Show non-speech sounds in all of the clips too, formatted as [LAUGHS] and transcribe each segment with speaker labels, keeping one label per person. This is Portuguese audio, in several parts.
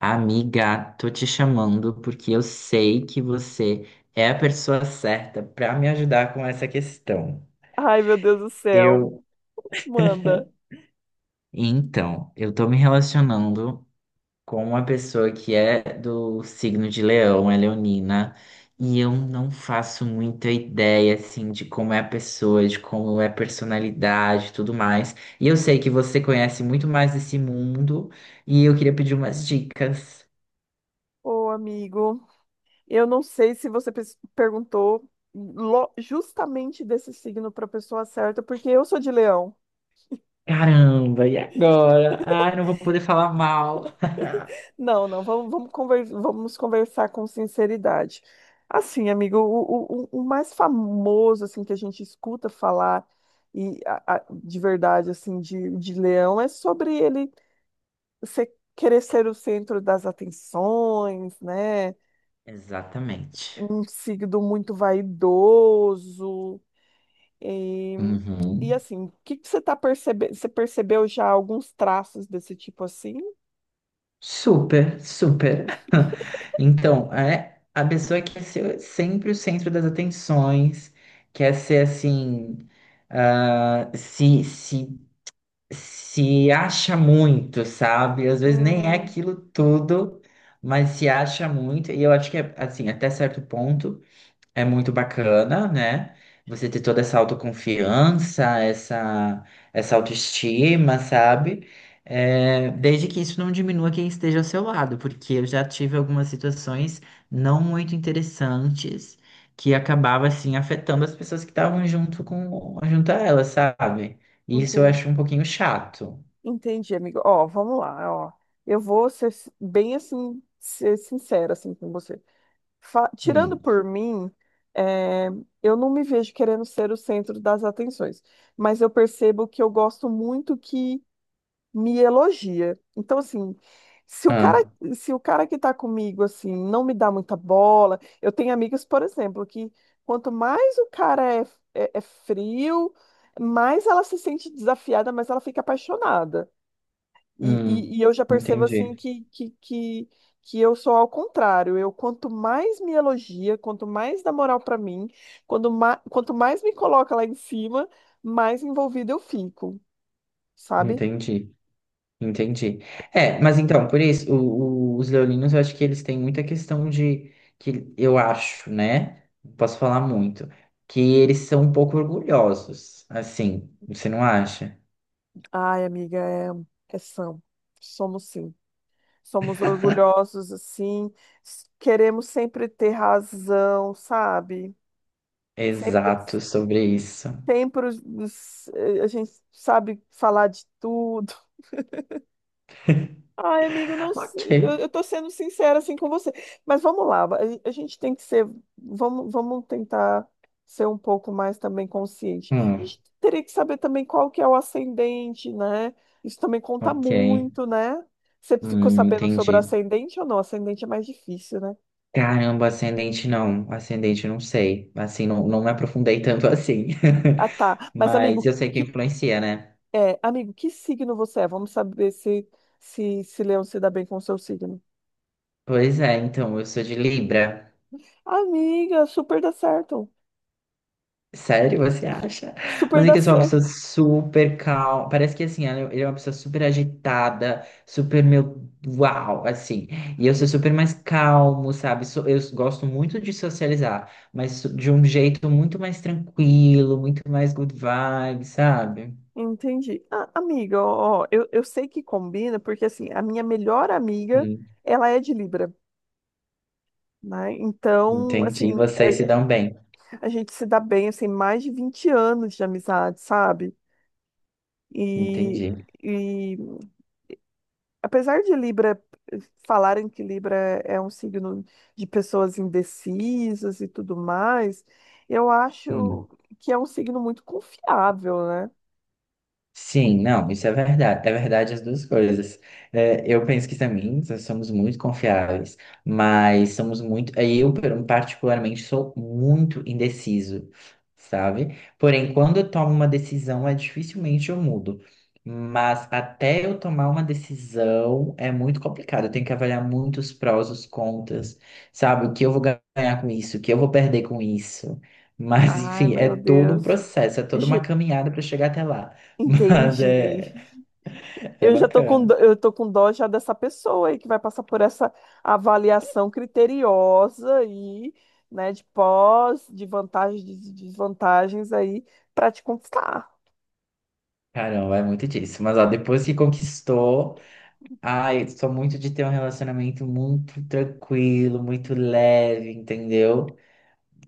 Speaker 1: Amiga, tô te chamando porque eu sei que você é a pessoa certa para me ajudar com essa questão.
Speaker 2: Ai, meu Deus do céu.
Speaker 1: Eu,
Speaker 2: Manda.
Speaker 1: então, eu tô me relacionando com uma pessoa que é do signo de Leão, é leonina, e eu não faço muita ideia assim de como é a pessoa, de como é a personalidade, e tudo mais. E eu sei que você conhece muito mais desse mundo e eu queria pedir umas dicas.
Speaker 2: Ô, amigo, eu não sei se perguntou justamente desse signo para a pessoa certa, porque eu sou de leão.
Speaker 1: Caramba, e agora? Ai, não vou poder falar mal.
Speaker 2: Não, não, vamos conversar com sinceridade. Assim, amigo, o mais famoso assim que a gente escuta falar e de verdade assim de leão é sobre ele querer ser o centro das atenções, né?
Speaker 1: Exatamente.
Speaker 2: Um signo muito vaidoso. E, e
Speaker 1: Uhum.
Speaker 2: assim, o que que você tá percebendo? Você percebeu já alguns traços desse tipo assim?
Speaker 1: Super, super. [LAUGHS] Então, é a pessoa quer ser sempre o centro das atenções, quer ser assim, ah, se, se, se acha muito, sabe? Às vezes nem é
Speaker 2: Hum,
Speaker 1: aquilo tudo, mas se acha muito, e eu acho que é assim, até certo ponto. É muito bacana, né? Você ter toda essa autoconfiança, essa autoestima, sabe? É, desde que isso não diminua quem esteja ao seu lado, porque eu já tive algumas situações não muito interessantes que acabava assim afetando as pessoas que estavam junto com junto a ela, sabe? E isso eu
Speaker 2: entendi,
Speaker 1: acho um pouquinho chato.
Speaker 2: entendi, amigo. Ó, vamos lá, ó. Eu vou bem assim, ser sincera assim com você. Tirando
Speaker 1: Hum.
Speaker 2: por mim, é, eu não me vejo querendo ser o centro das atenções, mas eu percebo que eu gosto muito que me elogia. Então, assim, se o cara,
Speaker 1: Ah,
Speaker 2: se o cara que tá comigo, assim, não me dá muita bola. Eu tenho amigos, por exemplo, que quanto mais o cara é, é frio, mais ela se sente desafiada, mais ela fica apaixonada. E,
Speaker 1: hum.
Speaker 2: e, e eu já percebo, assim,
Speaker 1: Entendi,
Speaker 2: que eu sou ao contrário. Eu, quanto mais me elogia, quanto mais dá moral pra mim, quanto mais me coloca lá em cima, mais envolvida eu fico, sabe?
Speaker 1: entendi. Entendi. É, mas então, por isso, os leoninos, eu acho que eles têm muita questão de, que eu acho, né? Não posso falar muito, que eles são um pouco orgulhosos, assim, você não acha?
Speaker 2: Ai, amiga, é, são. Somos sim. Somos orgulhosos, assim. Queremos sempre ter razão, sabe? Sempre,
Speaker 1: Exato, sobre isso. [LAUGHS]
Speaker 2: sempre a gente sabe falar de tudo. Ai, amigo, não sei.
Speaker 1: Ok.
Speaker 2: Eu tô sendo sincera assim com você. Mas vamos lá, a gente tem que ser, vamos, vamos tentar ser um pouco mais também consciente. A
Speaker 1: Hum,
Speaker 2: gente teria que saber também qual que é o ascendente, né? Isso também conta
Speaker 1: ok.
Speaker 2: muito, né? Você ficou sabendo sobre o
Speaker 1: Entendi.
Speaker 2: ascendente ou não? Ascendente é mais difícil, né?
Speaker 1: Caramba, ascendente não sei, assim, não, não me aprofundei tanto assim,
Speaker 2: Ah, tá.
Speaker 1: [LAUGHS] mas eu sei que influencia, né?
Speaker 2: Amigo, que signo você é? Vamos saber se se Leão se dá bem com o seu signo.
Speaker 1: Pois é, então, eu sou de Libra.
Speaker 2: Amiga, super dá certo.
Speaker 1: Sério, você acha?
Speaker 2: Super
Speaker 1: Mas é
Speaker 2: dá
Speaker 1: que eu sou uma pessoa
Speaker 2: certo.
Speaker 1: super calma. Parece que assim, ele é uma pessoa super agitada, super meu uau, assim. E eu sou super mais calmo, sabe? Eu gosto muito de socializar, mas de um jeito muito mais tranquilo, muito mais good vibe, sabe?
Speaker 2: Entendi. Ah, amiga, ó, ó, eu sei que combina, porque assim, a minha melhor amiga,
Speaker 1: Hum,
Speaker 2: ela é de Libra, né? Então,
Speaker 1: entendi.
Speaker 2: assim,
Speaker 1: Vocês se dão bem.
Speaker 2: a gente se dá bem, assim, mais de 20 anos de amizade, sabe? E,
Speaker 1: Entendi.
Speaker 2: e apesar de Libra, eh, falarem que Libra é um signo de pessoas indecisas e tudo mais, eu
Speaker 1: Hum.
Speaker 2: acho que é um signo muito confiável, né?
Speaker 1: Sim, não, isso é verdade. É verdade as duas coisas. É, eu penso que também nós somos muito confiáveis, mas somos muito. Particularmente, sou muito indeciso, sabe? Porém, quando eu tomo uma decisão, é dificilmente eu mudo. Mas até eu tomar uma decisão é muito complicado. Eu tenho que avaliar muitos prós, os contras, sabe? O que eu vou ganhar com isso, o que eu vou perder com isso. Mas,
Speaker 2: Ai,
Speaker 1: enfim, é
Speaker 2: meu
Speaker 1: todo um
Speaker 2: Deus.
Speaker 1: processo, é toda uma
Speaker 2: Ge-
Speaker 1: caminhada para chegar até lá. [LAUGHS] Mas
Speaker 2: Entendi.
Speaker 1: é, é
Speaker 2: Eu já tô com,
Speaker 1: bacana.
Speaker 2: dó- eu tô com dó já dessa pessoa aí que vai passar por essa avaliação criteriosa aí, né, de pós, de vantagens, de desvantagens aí para te conquistar.
Speaker 1: Caramba, é muito disso. Mas ó, depois que conquistou, ai, eu sou muito de ter um relacionamento muito tranquilo, muito leve, entendeu?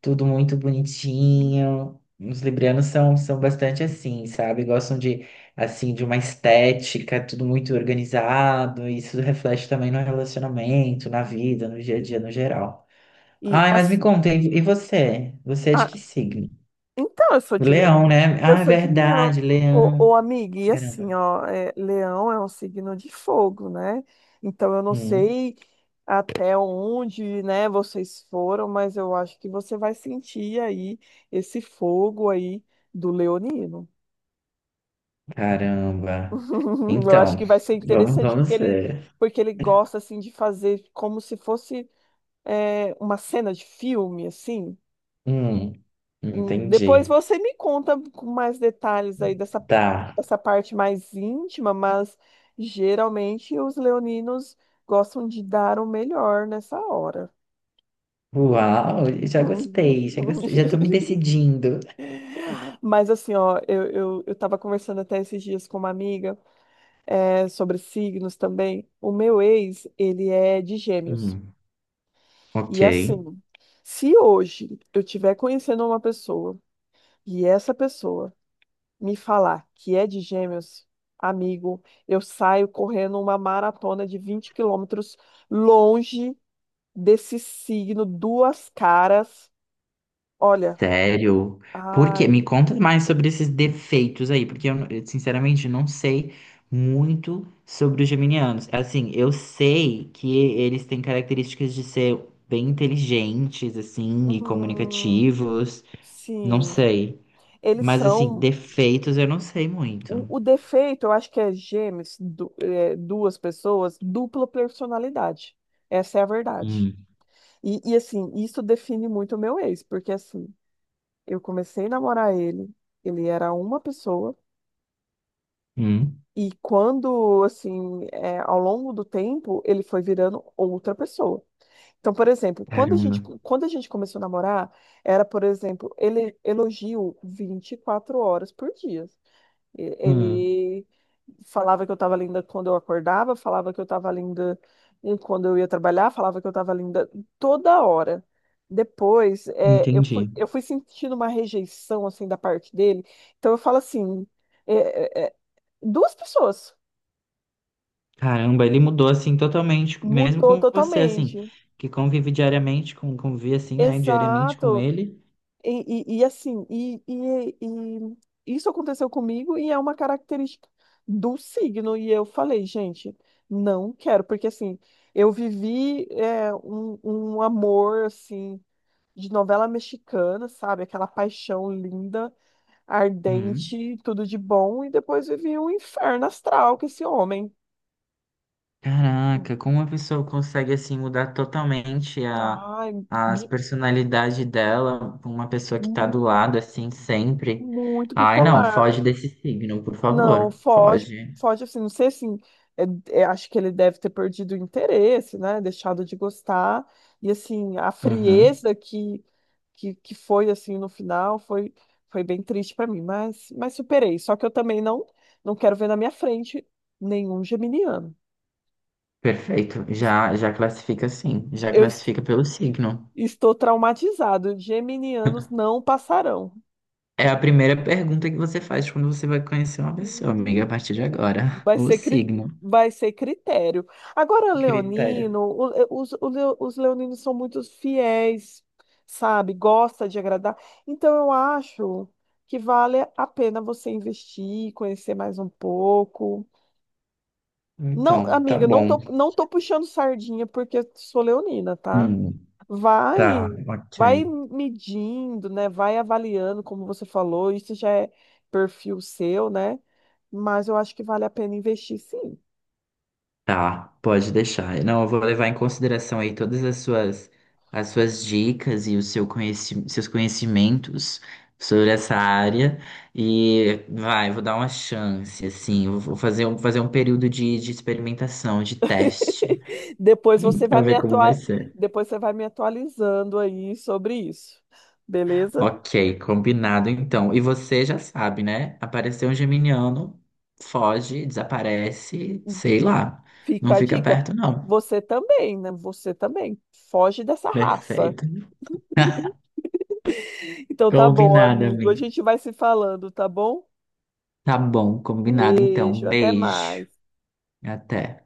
Speaker 1: Tudo muito bonitinho. Os librianos são bastante assim, sabe? Gostam de, assim, de uma estética, tudo muito organizado. E isso reflete também no relacionamento, na vida, no dia a dia, no geral.
Speaker 2: E
Speaker 1: Ai, mas me
Speaker 2: as-
Speaker 1: conta, e você? Você é de
Speaker 2: ah,
Speaker 1: que signo?
Speaker 2: então, eu sou
Speaker 1: O Leão, né?
Speaker 2: Eu
Speaker 1: Ah, é
Speaker 2: sou de leão.
Speaker 1: verdade,
Speaker 2: Ô,
Speaker 1: Leão.
Speaker 2: ô amiga, e
Speaker 1: Caramba.
Speaker 2: assim, ó, é, leão é um signo de fogo, né? Então eu não
Speaker 1: Hum,
Speaker 2: sei até onde, né, vocês foram, mas eu acho que você vai sentir aí esse fogo aí do leonino.
Speaker 1: caramba.
Speaker 2: [LAUGHS] Eu acho
Speaker 1: Então,
Speaker 2: que vai ser interessante
Speaker 1: vamos ver.
Speaker 2: porque ele gosta assim de fazer como se fosse, é, uma cena de filme, assim.
Speaker 1: Hum,
Speaker 2: Hum. Depois
Speaker 1: entendi.
Speaker 2: você me conta com mais detalhes aí
Speaker 1: Tá.
Speaker 2: dessa parte mais íntima, mas geralmente os leoninos gostam de dar o melhor nessa hora.
Speaker 1: Uau, já
Speaker 2: Uhum.
Speaker 1: gostei, já gostei, já tô me
Speaker 2: [LAUGHS]
Speaker 1: decidindo.
Speaker 2: Mas assim, ó, eu tava conversando até esses dias com uma amiga, é, sobre signos também. O meu ex, ele é de gêmeos.
Speaker 1: Hum, ok.
Speaker 2: E assim, se hoje eu tiver conhecendo uma pessoa e essa pessoa me falar que é de Gêmeos, amigo, eu saio correndo uma maratona de 20 quilômetros longe desse signo, duas caras. Olha,
Speaker 1: Sério? Por quê? Me
Speaker 2: ai,
Speaker 1: conta mais sobre esses defeitos aí, porque sinceramente não sei muito sobre os geminianos. Assim, eu sei que eles têm características de ser bem inteligentes, assim, e
Speaker 2: hum,
Speaker 1: comunicativos. Não
Speaker 2: sim,
Speaker 1: sei.
Speaker 2: eles
Speaker 1: Mas assim,
Speaker 2: são.
Speaker 1: defeitos eu não sei
Speaker 2: O,
Speaker 1: muito.
Speaker 2: o defeito, eu acho que é Gêmeos, duas pessoas, dupla personalidade. Essa é a verdade.
Speaker 1: Hum.
Speaker 2: E assim, isso define muito o meu ex, porque assim, eu comecei a namorar ele, ele era uma pessoa.
Speaker 1: Hum.
Speaker 2: E quando, assim, é, ao longo do tempo, ele foi virando outra pessoa. Então, por exemplo,
Speaker 1: Caramba.
Speaker 2: quando a gente começou a namorar, era, por exemplo, ele elogio 24 horas por dia.
Speaker 1: Hum.
Speaker 2: Ele falava que eu estava linda quando eu acordava, falava que eu estava linda quando eu ia trabalhar, falava que eu estava linda toda hora. Depois, é,
Speaker 1: Entendi.
Speaker 2: eu fui sentindo uma rejeição, assim, da parte dele. Então, eu falo assim, é, duas pessoas.
Speaker 1: Caramba, ele mudou assim totalmente, mesmo
Speaker 2: Mudou
Speaker 1: com você, assim,
Speaker 2: totalmente.
Speaker 1: que convive diariamente com, convive assim, né, diariamente com
Speaker 2: Exato.
Speaker 1: ele.
Speaker 2: E, e assim, isso aconteceu comigo e é uma característica do signo. E eu falei, gente, não quero, porque assim, eu vivi, é, um amor assim de novela mexicana, sabe? Aquela paixão linda,
Speaker 1: Hum.
Speaker 2: ardente, tudo de bom, e depois vivi um inferno astral com esse homem.
Speaker 1: Caraca, como uma pessoa consegue assim mudar totalmente a
Speaker 2: Ai,
Speaker 1: as
Speaker 2: bi-
Speaker 1: personalidade dela, com uma pessoa que tá do lado assim sempre.
Speaker 2: muito
Speaker 1: Ai, não,
Speaker 2: bipolar.
Speaker 1: foge desse signo, por
Speaker 2: Não,
Speaker 1: favor.
Speaker 2: foge,
Speaker 1: Foge.
Speaker 2: foge assim, não sei assim, é- é, acho que ele deve ter perdido o interesse, né, deixado de gostar, e assim, a
Speaker 1: Uhum.
Speaker 2: frieza que foi, assim, no final, foi, foi bem triste para mim, mas superei, só que eu também não quero ver na minha frente nenhum geminiano.
Speaker 1: Perfeito.
Speaker 2: Est-
Speaker 1: Já, já classifica sim. Já
Speaker 2: eu est-
Speaker 1: classifica pelo signo.
Speaker 2: estou traumatizado, geminianos não passarão.
Speaker 1: É a primeira pergunta que você faz quando você vai conhecer uma pessoa, amiga, a
Speaker 2: Hum.
Speaker 1: partir de agora.
Speaker 2: Vai
Speaker 1: O
Speaker 2: ser, cri-
Speaker 1: signo.
Speaker 2: vai ser critério. Agora,
Speaker 1: Critério.
Speaker 2: Leonino, os leoninos são muito fiéis, sabe? Gosta de agradar. Então, eu acho que vale a pena você investir, conhecer mais um pouco. Não,
Speaker 1: Então, tá
Speaker 2: amiga,
Speaker 1: bom.
Speaker 2: não tô puxando sardinha porque eu sou leonina, tá?
Speaker 1: Hum, tá,
Speaker 2: Vai,
Speaker 1: ok.
Speaker 2: vai medindo, né? Vai avaliando, como você falou, isso já é perfil seu, né? Mas eu acho que vale a pena investir, sim.
Speaker 1: Tá, pode deixar. Não, eu vou levar em consideração aí todas as suas dicas e o seu conheci, seus conhecimentos sobre essa área. E vai, vou dar uma chance, assim. Eu Vou fazer um período de experimentação, de teste,
Speaker 2: [LAUGHS] Depois você
Speaker 1: [LAUGHS] pra
Speaker 2: vai me
Speaker 1: ver como vai
Speaker 2: atua...
Speaker 1: ser.
Speaker 2: depois você vai me atualizando aí sobre isso. Beleza?
Speaker 1: Ok, combinado então. E você já sabe, né? Apareceu um geminiano, foge, desaparece, sei lá.
Speaker 2: Fica
Speaker 1: Não
Speaker 2: a
Speaker 1: fica
Speaker 2: dica.
Speaker 1: perto, não.
Speaker 2: Você também, né? Você também. Foge dessa raça.
Speaker 1: Perfeito. [LAUGHS]
Speaker 2: Então tá bom,
Speaker 1: Combinado,
Speaker 2: amigo. A
Speaker 1: amiga.
Speaker 2: gente vai se falando, tá bom?
Speaker 1: Tá bom, combinado então.
Speaker 2: Beijo, até
Speaker 1: Beijo.
Speaker 2: mais.
Speaker 1: Até.